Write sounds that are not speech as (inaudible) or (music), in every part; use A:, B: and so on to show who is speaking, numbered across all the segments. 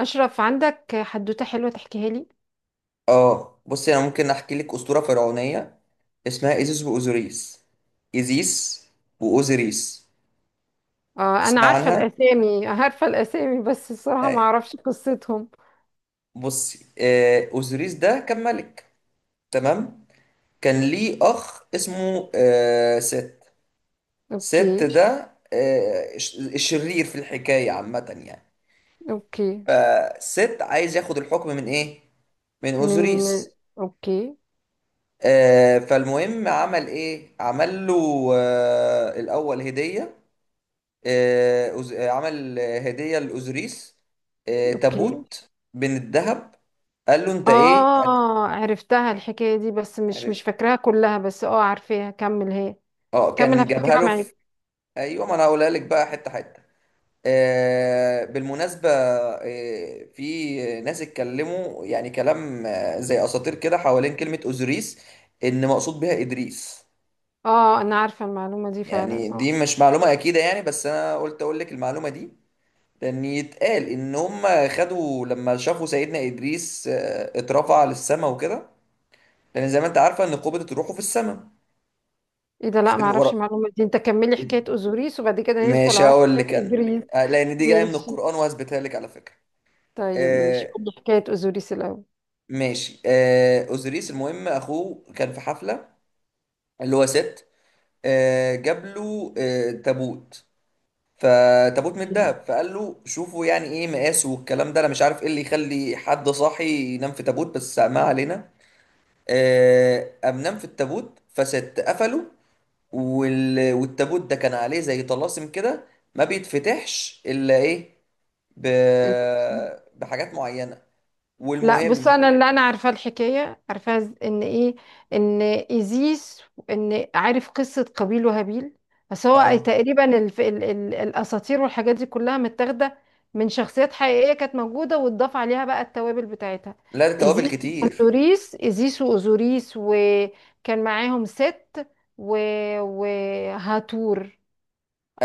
A: أشرف، عندك حدوتة حلوة تحكيها لي؟
B: اه، بصي انا ممكن احكي لك اسطوره فرعونيه اسمها ايزيس واوزوريس. ايزيس واوزوريس.
A: آه، أنا
B: تسمع
A: عارفة
B: عنها؟
A: الأسامي، عارفة الأسامي، بس الصراحة
B: آه،
A: ما أعرفش قصتهم.
B: بصي، اوزوريس ده كان ملك. تمام. كان ليه اخ اسمه ست. ست
A: أوكي.
B: ده الشرير في الحكايه عامه يعني.
A: أوكي.
B: فست عايز ياخد الحكم من
A: من.
B: اوزوريس.
A: أوكي.
B: فالمهم عمل له الاول هديه. عمل هدية لأوزوريس،
A: أوكي.
B: تابوت من الذهب. قال له انت ايه؟
A: آه، عرفتها الحكاية دي، بس مش
B: هت-
A: مش فاكراها كلها، بس آه، عارفاها. كمل هي،
B: اه،
A: كمل
B: كان جابها
A: هفتكرها
B: له في...
A: معاك.
B: ايوه، ما انا هقولها لك بقى حته حته. بالمناسبه، في ناس اتكلموا يعني كلام زي اساطير كده حوالين كلمه اوزوريس، ان مقصود بها ادريس.
A: آه، أنا عارفة المعلومة دي فعلا،
B: يعني
A: آه.
B: دي مش معلومه اكيده يعني، بس انا قلت اقول لك المعلومه دي. لان يتقال ان هم خدوا لما شافوا سيدنا ادريس اترفع للسماء وكده. لان زي ما انت عارفه ان قبضه روحه في السماء.
A: إيه ده؟ لا، ما
B: سيدنا
A: أعرفش
B: ورا.
A: المعلومة دي. أنت كملي حكاية أوزوريس، وبعد كده ندخل
B: ماشي،
A: على
B: هقول
A: حكاية
B: لك انا.
A: إدريس.
B: لان دي جايه من
A: ماشي.
B: القران وهثبتها لك على فكره.
A: طيب ماشي،
B: آه
A: قولي حكاية أوزوريس
B: ماشي، اوزيريس. المهم اخوه كان في حفله، اللي هو ست. جاب له تابوت، فتابوت من
A: الأول.
B: الذهب. فقال له شوفوا يعني ايه مقاسه، والكلام ده. انا مش عارف ايه اللي يخلي حد صاحي ينام في تابوت، بس ما علينا. قام نام في التابوت، فست قفله. والتابوت ده كان عليه زي طلاسم كده، ما بيتفتحش الا ايه، ب... بحاجات معينه.
A: لا بص،
B: والمهم
A: انا
B: هو-
A: اللي انا عارفه الحكايه، عارفاها ان ايه، ان ايزيس، ان عارف قصه قابيل وهابيل؟ بس هو
B: اه،
A: تقريبا الاساطير والحاجات دي كلها متاخده من شخصيات حقيقيه كانت موجوده، واتضاف عليها بقى التوابل بتاعتها.
B: لا، ده توابل
A: ايزيس
B: كتير.
A: واوزوريس، ايزيس واوزوريس، وكان معاهم ست و... وهاتور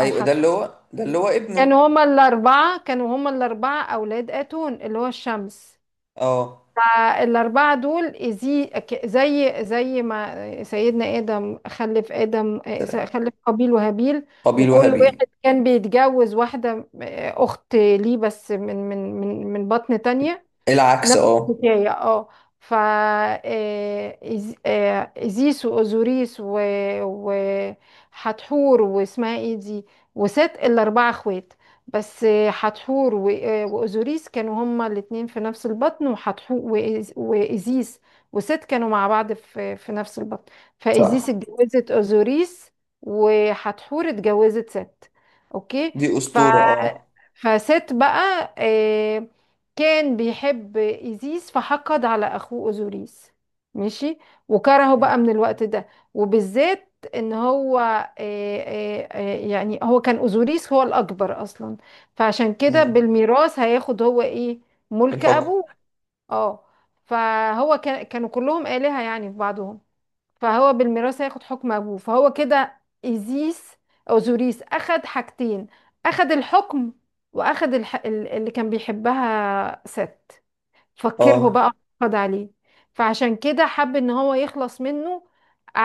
A: او
B: ده اللي
A: حتحور.
B: هو ده اللي هو ابنه.
A: كانوا هما الاربعه، كانوا هما الاربعه اولاد اتون اللي هو الشمس.
B: اه.
A: فالأربعة دول زي زي ما سيدنا آدم خلف آدم،
B: سلام.
A: خلف قابيل وهابيل.
B: قبيل
A: وكل واحد
B: وهابيل.
A: كان بيتجوز واحدة أخت ليه، بس من بطن تانية.
B: العكس،
A: نفس
B: اه.
A: الحكاية، اه. فا، إزيس وأوزوريس وحتحور واسمها ايه دي، وست. الأربعة اخوات، بس حتحور وأوزوريس كانوا هما الاتنين في نفس البطن، وحتحور وإزيس وست كانوا مع بعض في نفس البطن. فإزيس
B: صح.
A: اتجوزت أوزوريس، وحتحور اتجوزت ست. اوكي.
B: دي اسطوره، اه.
A: فست بقى كان بيحب إيزيس، فحقد على أخوه أوزوريس. ماشي. وكرهه
B: مم.
A: بقى من الوقت ده. وبالذات ان هو، يعني هو كان أوزوريس هو الأكبر أصلا، فعشان كده
B: مم.
A: بالميراث هياخد هو إيه؟ ملك
B: الحكم.
A: أبوه. اه. فهو كان، كانوا كلهم آلهة يعني في بعضهم. فهو بالميراث هياخد حكم ابوه. فهو كده ايزيس، او زوريس اخد حاجتين: اخد الحكم، واخد اللي كان بيحبها ست. فكره
B: اه.
A: بقى، خد عليه. فعشان كده حب ان هو يخلص منه. ع...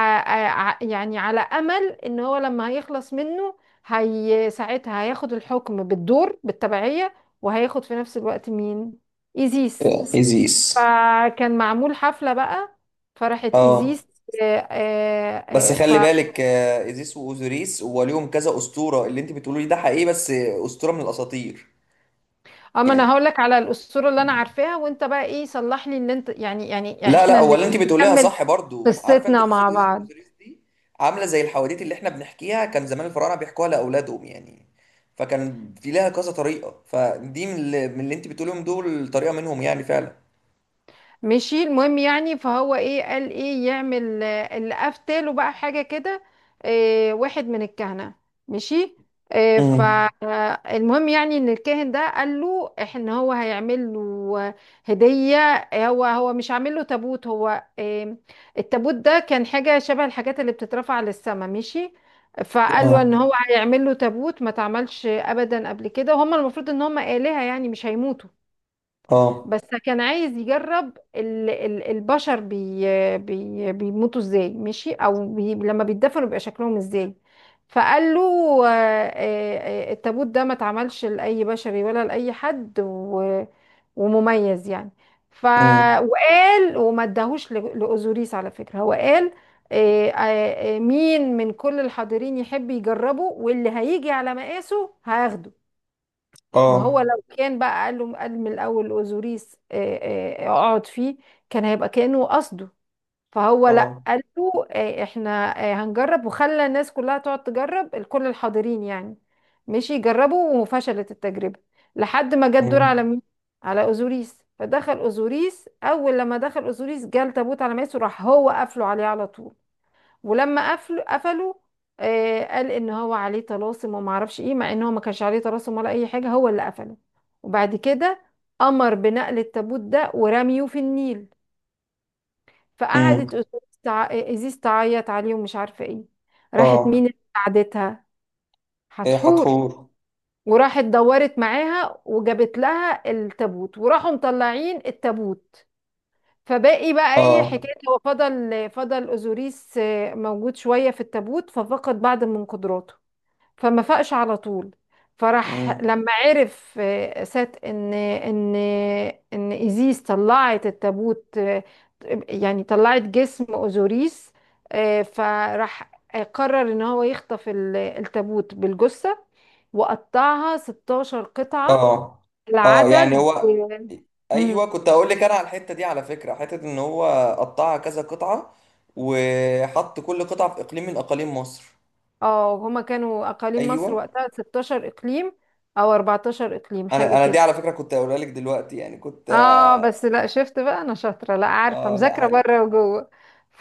A: يعني على امل ان هو لما هيخلص منه، هي ساعتها هياخد الحكم بالدور، بالتبعية. وهياخد في نفس الوقت مين؟ ايزيس.
B: ايزيس.
A: فكان معمول حفلة بقى، فراحت
B: اه،
A: ايزيس. آه،
B: بس
A: آه، آه، ف
B: خلي بالك، ايزيس واوزوريس وليهم كذا اسطوره. اللي انت بتقوليه ده حقيقي، بس اسطوره من الاساطير
A: اما انا
B: يعني.
A: هقول لك على الاسطوره اللي انا عارفاها، وانت بقى ايه صلح لي ان انت، يعني
B: لا، لا،
A: احنا
B: هو
A: اللي
B: اللي انت بتقوليها
A: نكمل
B: صح برضو. عارفه انت
A: قصتنا
B: قصه
A: مع
B: ايزيس
A: بعض.
B: واوزوريس دي؟ عامله زي الحواديت اللي احنا بنحكيها. كان زمان الفراعنه بيحكوها لاولادهم يعني. فكان في لها كذا طريقه، فدي من اللي انت بتقوليهم دول، طريقه منهم يعني فعلا.
A: مشي. المهم يعني، فهو ايه قال، ايه يعمل؟ اللي افتله بقى حاجه كده، إيه، واحد من الكهنه. مشي. إيه،
B: امم.
A: فالمهم يعني ان الكاهن ده قال له ان هو هيعمل له هديه. هو مش عامل له تابوت؟ هو إيه؟ التابوت ده كان حاجه شبه الحاجات اللي بتترفع للسما. مشي. فقال له ان
B: اه.
A: هو هيعمل له تابوت ما تعملش ابدا قبل كده. وهم المفروض ان هم آلهة يعني مش هيموتوا،
B: اه.
A: بس كان عايز يجرب البشر بي بي بيموتوا ازاي، ماشي، او بي لما بيتدفنوا بيبقى شكلهم ازاي. فقال له آه، التابوت ده ما اتعملش لأي بشري ولا لأي حد، ومميز يعني. ف،
B: امم.
A: وقال، وما اداهوش لأوزوريس على فكرة. هو قال مين من كل الحاضرين يحب يجربه، واللي هيجي على مقاسه هاخده. ما هو
B: اه.
A: لو كان بقى قال له، قال من الاول اوزوريس اقعد فيه، كان هيبقى كانه قصده. فهو لا،
B: اه.
A: قال له احنا هنجرب، وخلى الناس كلها تقعد تجرب، الكل الحاضرين يعني. مشي. يجربوا، وفشلت التجربه لحد ما جه الدور على
B: امم.
A: مين؟ على اوزوريس. فدخل اوزوريس، اول لما دخل اوزوريس جه التابوت على ماسه، راح هو قافله عليه على طول. ولما قفلوا، قفلوا. آه، قال ان هو عليه طلاسم وما اعرفش ايه، مع ان هو ما كانش عليه طلاسم ولا اي حاجه، هو اللي قفله. وبعد كده امر بنقل التابوت ده ورميه في النيل. فقعدت
B: امم.
A: ازيز تعيط عليه، ومش عارفه ايه. راحت
B: اه.
A: مين اللي ساعدتها؟
B: ايه،
A: هتحور.
B: حتحور.
A: وراحت دورت معاها وجابت لها التابوت، وراحوا مطلعين التابوت. فباقي بقى ايه
B: اه.
A: حكايه، هو فضل، فضل اوزوريس موجود شويه في التابوت، ففقد بعض من قدراته، فما فاقش على طول. فراح
B: امم.
A: لما عرف سات ان، ان ان ايزيس طلعت التابوت، يعني طلعت جسم اوزوريس. فراح قرر ان هو يخطف التابوت بالجثة وقطعها 16 قطعة،
B: اه. اه. يعني
A: العدد.
B: هو... ايوه،
A: مم.
B: كنت هقول لك انا على الحته دي على فكره، حته ان هو قطعها كذا قطعه، وحط كل قطعه في اقليم من اقاليم مصر.
A: اه هما كانوا اقاليم مصر
B: ايوه.
A: وقتها 16 اقليم، او 14 اقليم حاجة
B: انا دي
A: كده.
B: على فكره كنت هقولها لك دلوقتي يعني، كنت...
A: اه بس لا، شفت بقى، انا شاطره، لا عارفه،
B: اه، لا،
A: مذاكره
B: حلو.
A: بره وجوه.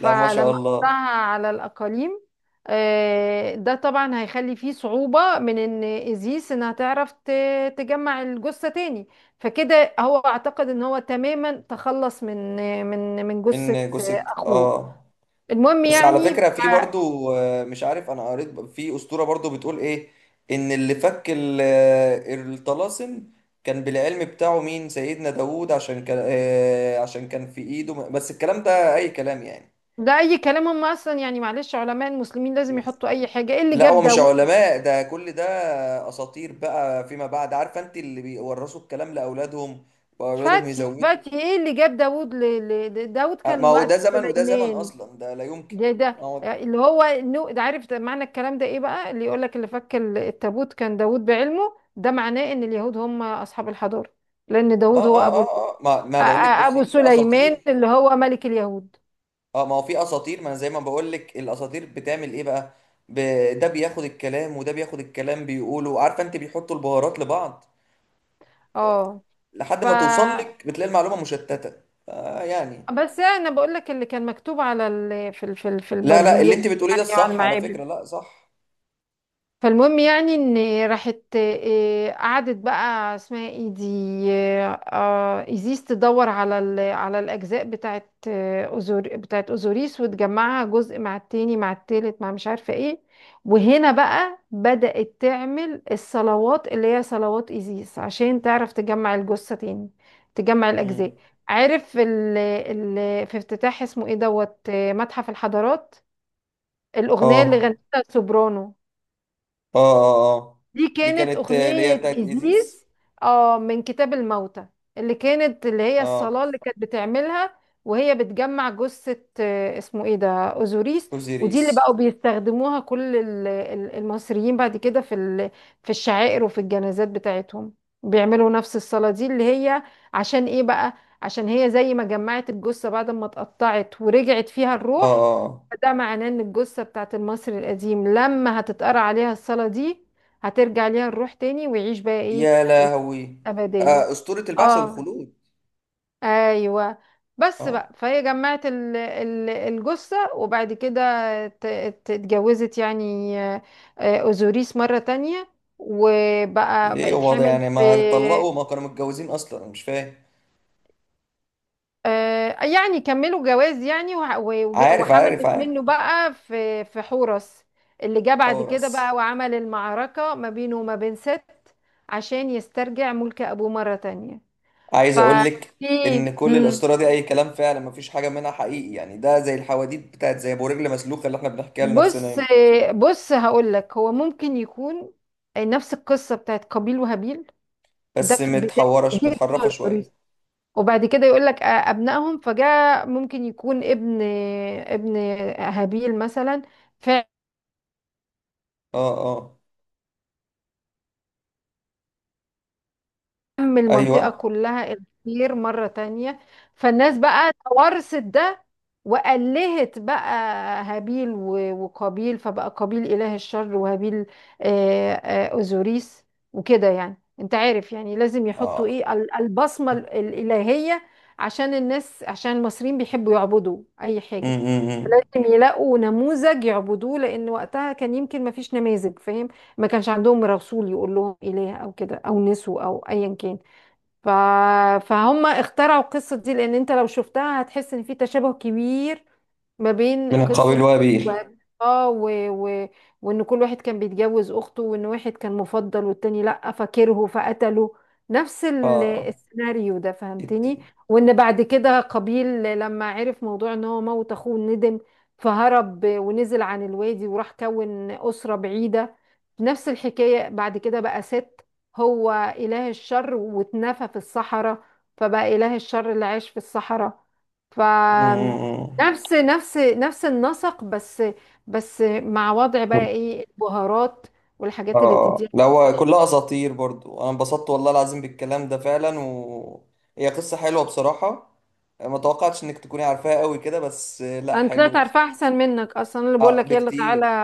B: لا، ما شاء
A: احطها
B: الله.
A: على الاقاليم، ده طبعا هيخلي فيه صعوبة من ان ازيس انها تعرف تجمع الجثة تاني. فكده هو اعتقد ان هو تماما تخلص من جثة
B: من جثه،
A: اخوه.
B: اه.
A: المهم
B: بس على
A: يعني
B: فكرة، في برضو مش عارف، انا قريت في أسطورة برضو بتقول ايه. ان اللي فك الطلاسم كان بالعلم بتاعه مين؟ سيدنا داوود. عشان كان في ايده بس الكلام ده اي كلام يعني.
A: ده اي كلام. هم اصلا يعني، معلش، علماء المسلمين لازم يحطوا اي حاجة. ايه اللي
B: لا،
A: جاب
B: هو مش
A: داوود؟
B: علماء ده، كل ده اساطير بقى فيما بعد. عارفه انت، اللي بيورثوا الكلام لاولادهم، واولادهم
A: فاتي،
B: يزودوا.
A: فاتي، ايه اللي جاب داوود؟ داوود
B: ما
A: كان
B: هو ده
A: وقت
B: زمن وده زمن،
A: سليمان.
B: اصلا ده لا يمكن.
A: ده
B: ما
A: ده
B: هو...
A: اللي هو النو، ده عارف ده معنى الكلام ده ايه بقى؟ اللي يقول لك اللي فك التابوت كان داوود بعلمه، ده معناه ان اليهود هم اصحاب الحضارة. لان داوود هو ابو
B: اه ما بقول لك،
A: ابو
B: بصي، في
A: سليمان
B: اساطير.
A: اللي هو ملك اليهود.
B: اه، ما هو في اساطير، ما انا زي ما بقول لك، الاساطير بتعمل ايه بقى؟ ب... ده بياخد الكلام وده بياخد الكلام بيقولوا. عارفه انت، بيحطوا البهارات لبعض
A: اه. ف.
B: لحد ما توصل لك بتلاقي المعلومه مشتته. يعني...
A: بس انا بقول لك اللي كان مكتوب على في
B: لا، لا، اللي
A: البرديات
B: انت بتقوليه ده
A: يعني وعلى
B: الصح على
A: المعابد.
B: فكره، لا، صح.
A: فالمهم يعني ان راحت قعدت بقى، اسمها ايه دي، ايزيس، تدور على على الاجزاء بتاعت أوزور، بتاعت اوزوريس، وتجمعها جزء مع التاني مع التالت مع مش عارفه ايه. وهنا بقى بدأت تعمل الصلوات اللي هي صلوات ايزيس، عشان تعرف تجمع الجثه تاني، تجمع
B: امم.
A: الاجزاء. عارف ال ال في افتتاح اسمه ايه، دوت، متحف الحضارات؟ الاغنيه اللي
B: اه.
A: غنتها سوبرانو،
B: اه. اه. اه.
A: دي
B: دي
A: كانت
B: كانت اللي هي
A: أغنية
B: بتاعت ايزيس.
A: إيزيز، اه، من كتاب الموتى. اللي كانت، اللي هي
B: اه،
A: الصلاة اللي كانت بتعملها وهي بتجمع جثة، اسمه ايه ده، أوزوريس. ودي اللي
B: اوزيريس.
A: بقوا بيستخدموها كل المصريين بعد كده في في الشعائر وفي الجنازات بتاعتهم. بيعملوا نفس الصلاة دي اللي هي، عشان ايه بقى؟ عشان هي زي ما جمعت الجثة بعد ما اتقطعت، ورجعت فيها
B: اه.
A: الروح.
B: اه. آه.
A: فده معناه ان الجثة بتاعت المصري القديم لما هتتقرأ عليها الصلاة دي، هترجع ليها الروح تاني، ويعيش بقى ايه؟
B: يا
A: الحياة
B: لهوي.
A: الأبدية.
B: اسطوره البعث
A: اه.
B: والخلود.
A: ايوه. بس
B: اه.
A: بقى، فهي جمعت الجثة. وبعد كده ت- اتجوزت يعني اوزوريس مرة تانية، وبقى
B: ليه
A: بقت
B: هو ده
A: حامل
B: يعني؟
A: ب،
B: ما طلقوا؟ ما كانوا متجوزين اصلا؟ أنا مش فاهم.
A: يعني كملوا جواز يعني،
B: عارف، عارف،
A: وحملت
B: عارف.
A: منه بقى في حورس اللي جه بعد
B: حورس.
A: كده بقى، وعمل المعركة ما بينه وما بين ست عشان يسترجع ملك أبوه مرة تانية.
B: عايز اقول لك
A: ففي.
B: ان كل الاسطوره دي اي كلام فعلا، مفيش حاجه منها حقيقي يعني. ده زي الحواديت بتاعت زي ابو رجل مسلوخه اللي احنا بنحكيها لنفسنا
A: بص،
B: هنا،
A: بص هقول لك، هو ممكن يكون نفس القصه بتاعت قابيل وهابيل. ده
B: بس
A: في بدايه
B: متحرفه
A: التوريث،
B: شويه.
A: وبعد كده يقول لك ابنائهم فجاء، ممكن يكون ابن، ابن هابيل مثلا فعل،
B: اه. اه.
A: فهم المنطقة
B: ايوه.
A: كلها الخير مرة تانية. فالناس بقى تورثت ده، وألهت بقى هابيل وقابيل. فبقى قابيل إله الشر، وهابيل أوزوريس. وكده يعني، انت عارف يعني، لازم يحطوا
B: اه.
A: ايه، البصمة الإلهية، عشان الناس، عشان المصريين بيحبوا يعبدوا أي
B: م
A: حاجة،
B: -م -م.
A: لازم يلاقوا نموذج يعبدوه، لأن وقتها كان يمكن ما فيش نماذج، فاهم؟ ما كانش عندهم رسول يقول لهم إله أو كده أو نسو أو أيا كان. ف... فهم اخترعوا القصة دي. لأن انت لو شفتها هتحس ان في تشابه كبير ما بين
B: من
A: قصة
B: القبيل وابيل.
A: وهب- اه و... و... وان كل واحد كان بيتجوز اخته، وان واحد كان مفضل والتاني لا، فكره فقتله. نفس
B: اه،
A: السيناريو ده، فهمتني؟
B: جدا.
A: وان بعد كده قابيل لما عرف موضوع ان هو موت اخوه ندم، فهرب ونزل عن الوادي وراح كون أسرة بعيدة. نفس الحكاية بعد كده بقى ست، هو إله الشر، واتنفى في الصحراء، فبقى إله الشر اللي عاش في الصحراء. ف.
B: م- م-
A: نفس النسق، بس بس مع وضع
B: م.
A: بقى ايه، البهارات والحاجات اللي تديها.
B: اه، ده هو
A: الواحد.
B: كلها اساطير برضو. انا انبسطت والله العظيم بالكلام ده فعلا، و... هي قصة حلوة بصراحة. ما توقعتش انك تكوني عارفاها قوي كده، بس لا،
A: انا طلعت
B: حلو.
A: عارفه احسن منك اصلا، أنا اللي بقول
B: اه،
A: لك يلا تعالى.
B: بكتير،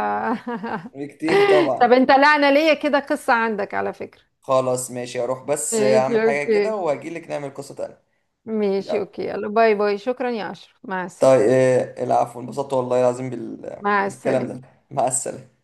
B: بكتير
A: (laughs)
B: طبعا.
A: طب انت، لا انا ليا كده قصه عندك على فكره.
B: خلاص، ماشي، اروح بس
A: ماشي،
B: اعمل حاجة
A: اوكي.
B: كده واجيلك نعمل قصة تانية.
A: ماشي،
B: يلا.
A: اوكي، يلا، باي باي، شكرا يا اشرف، مع
B: طيب،
A: السلامه.
B: العفو. انبسطت والله العظيم
A: مع
B: بالكلام ده.
A: السلامه.
B: مع السلامة.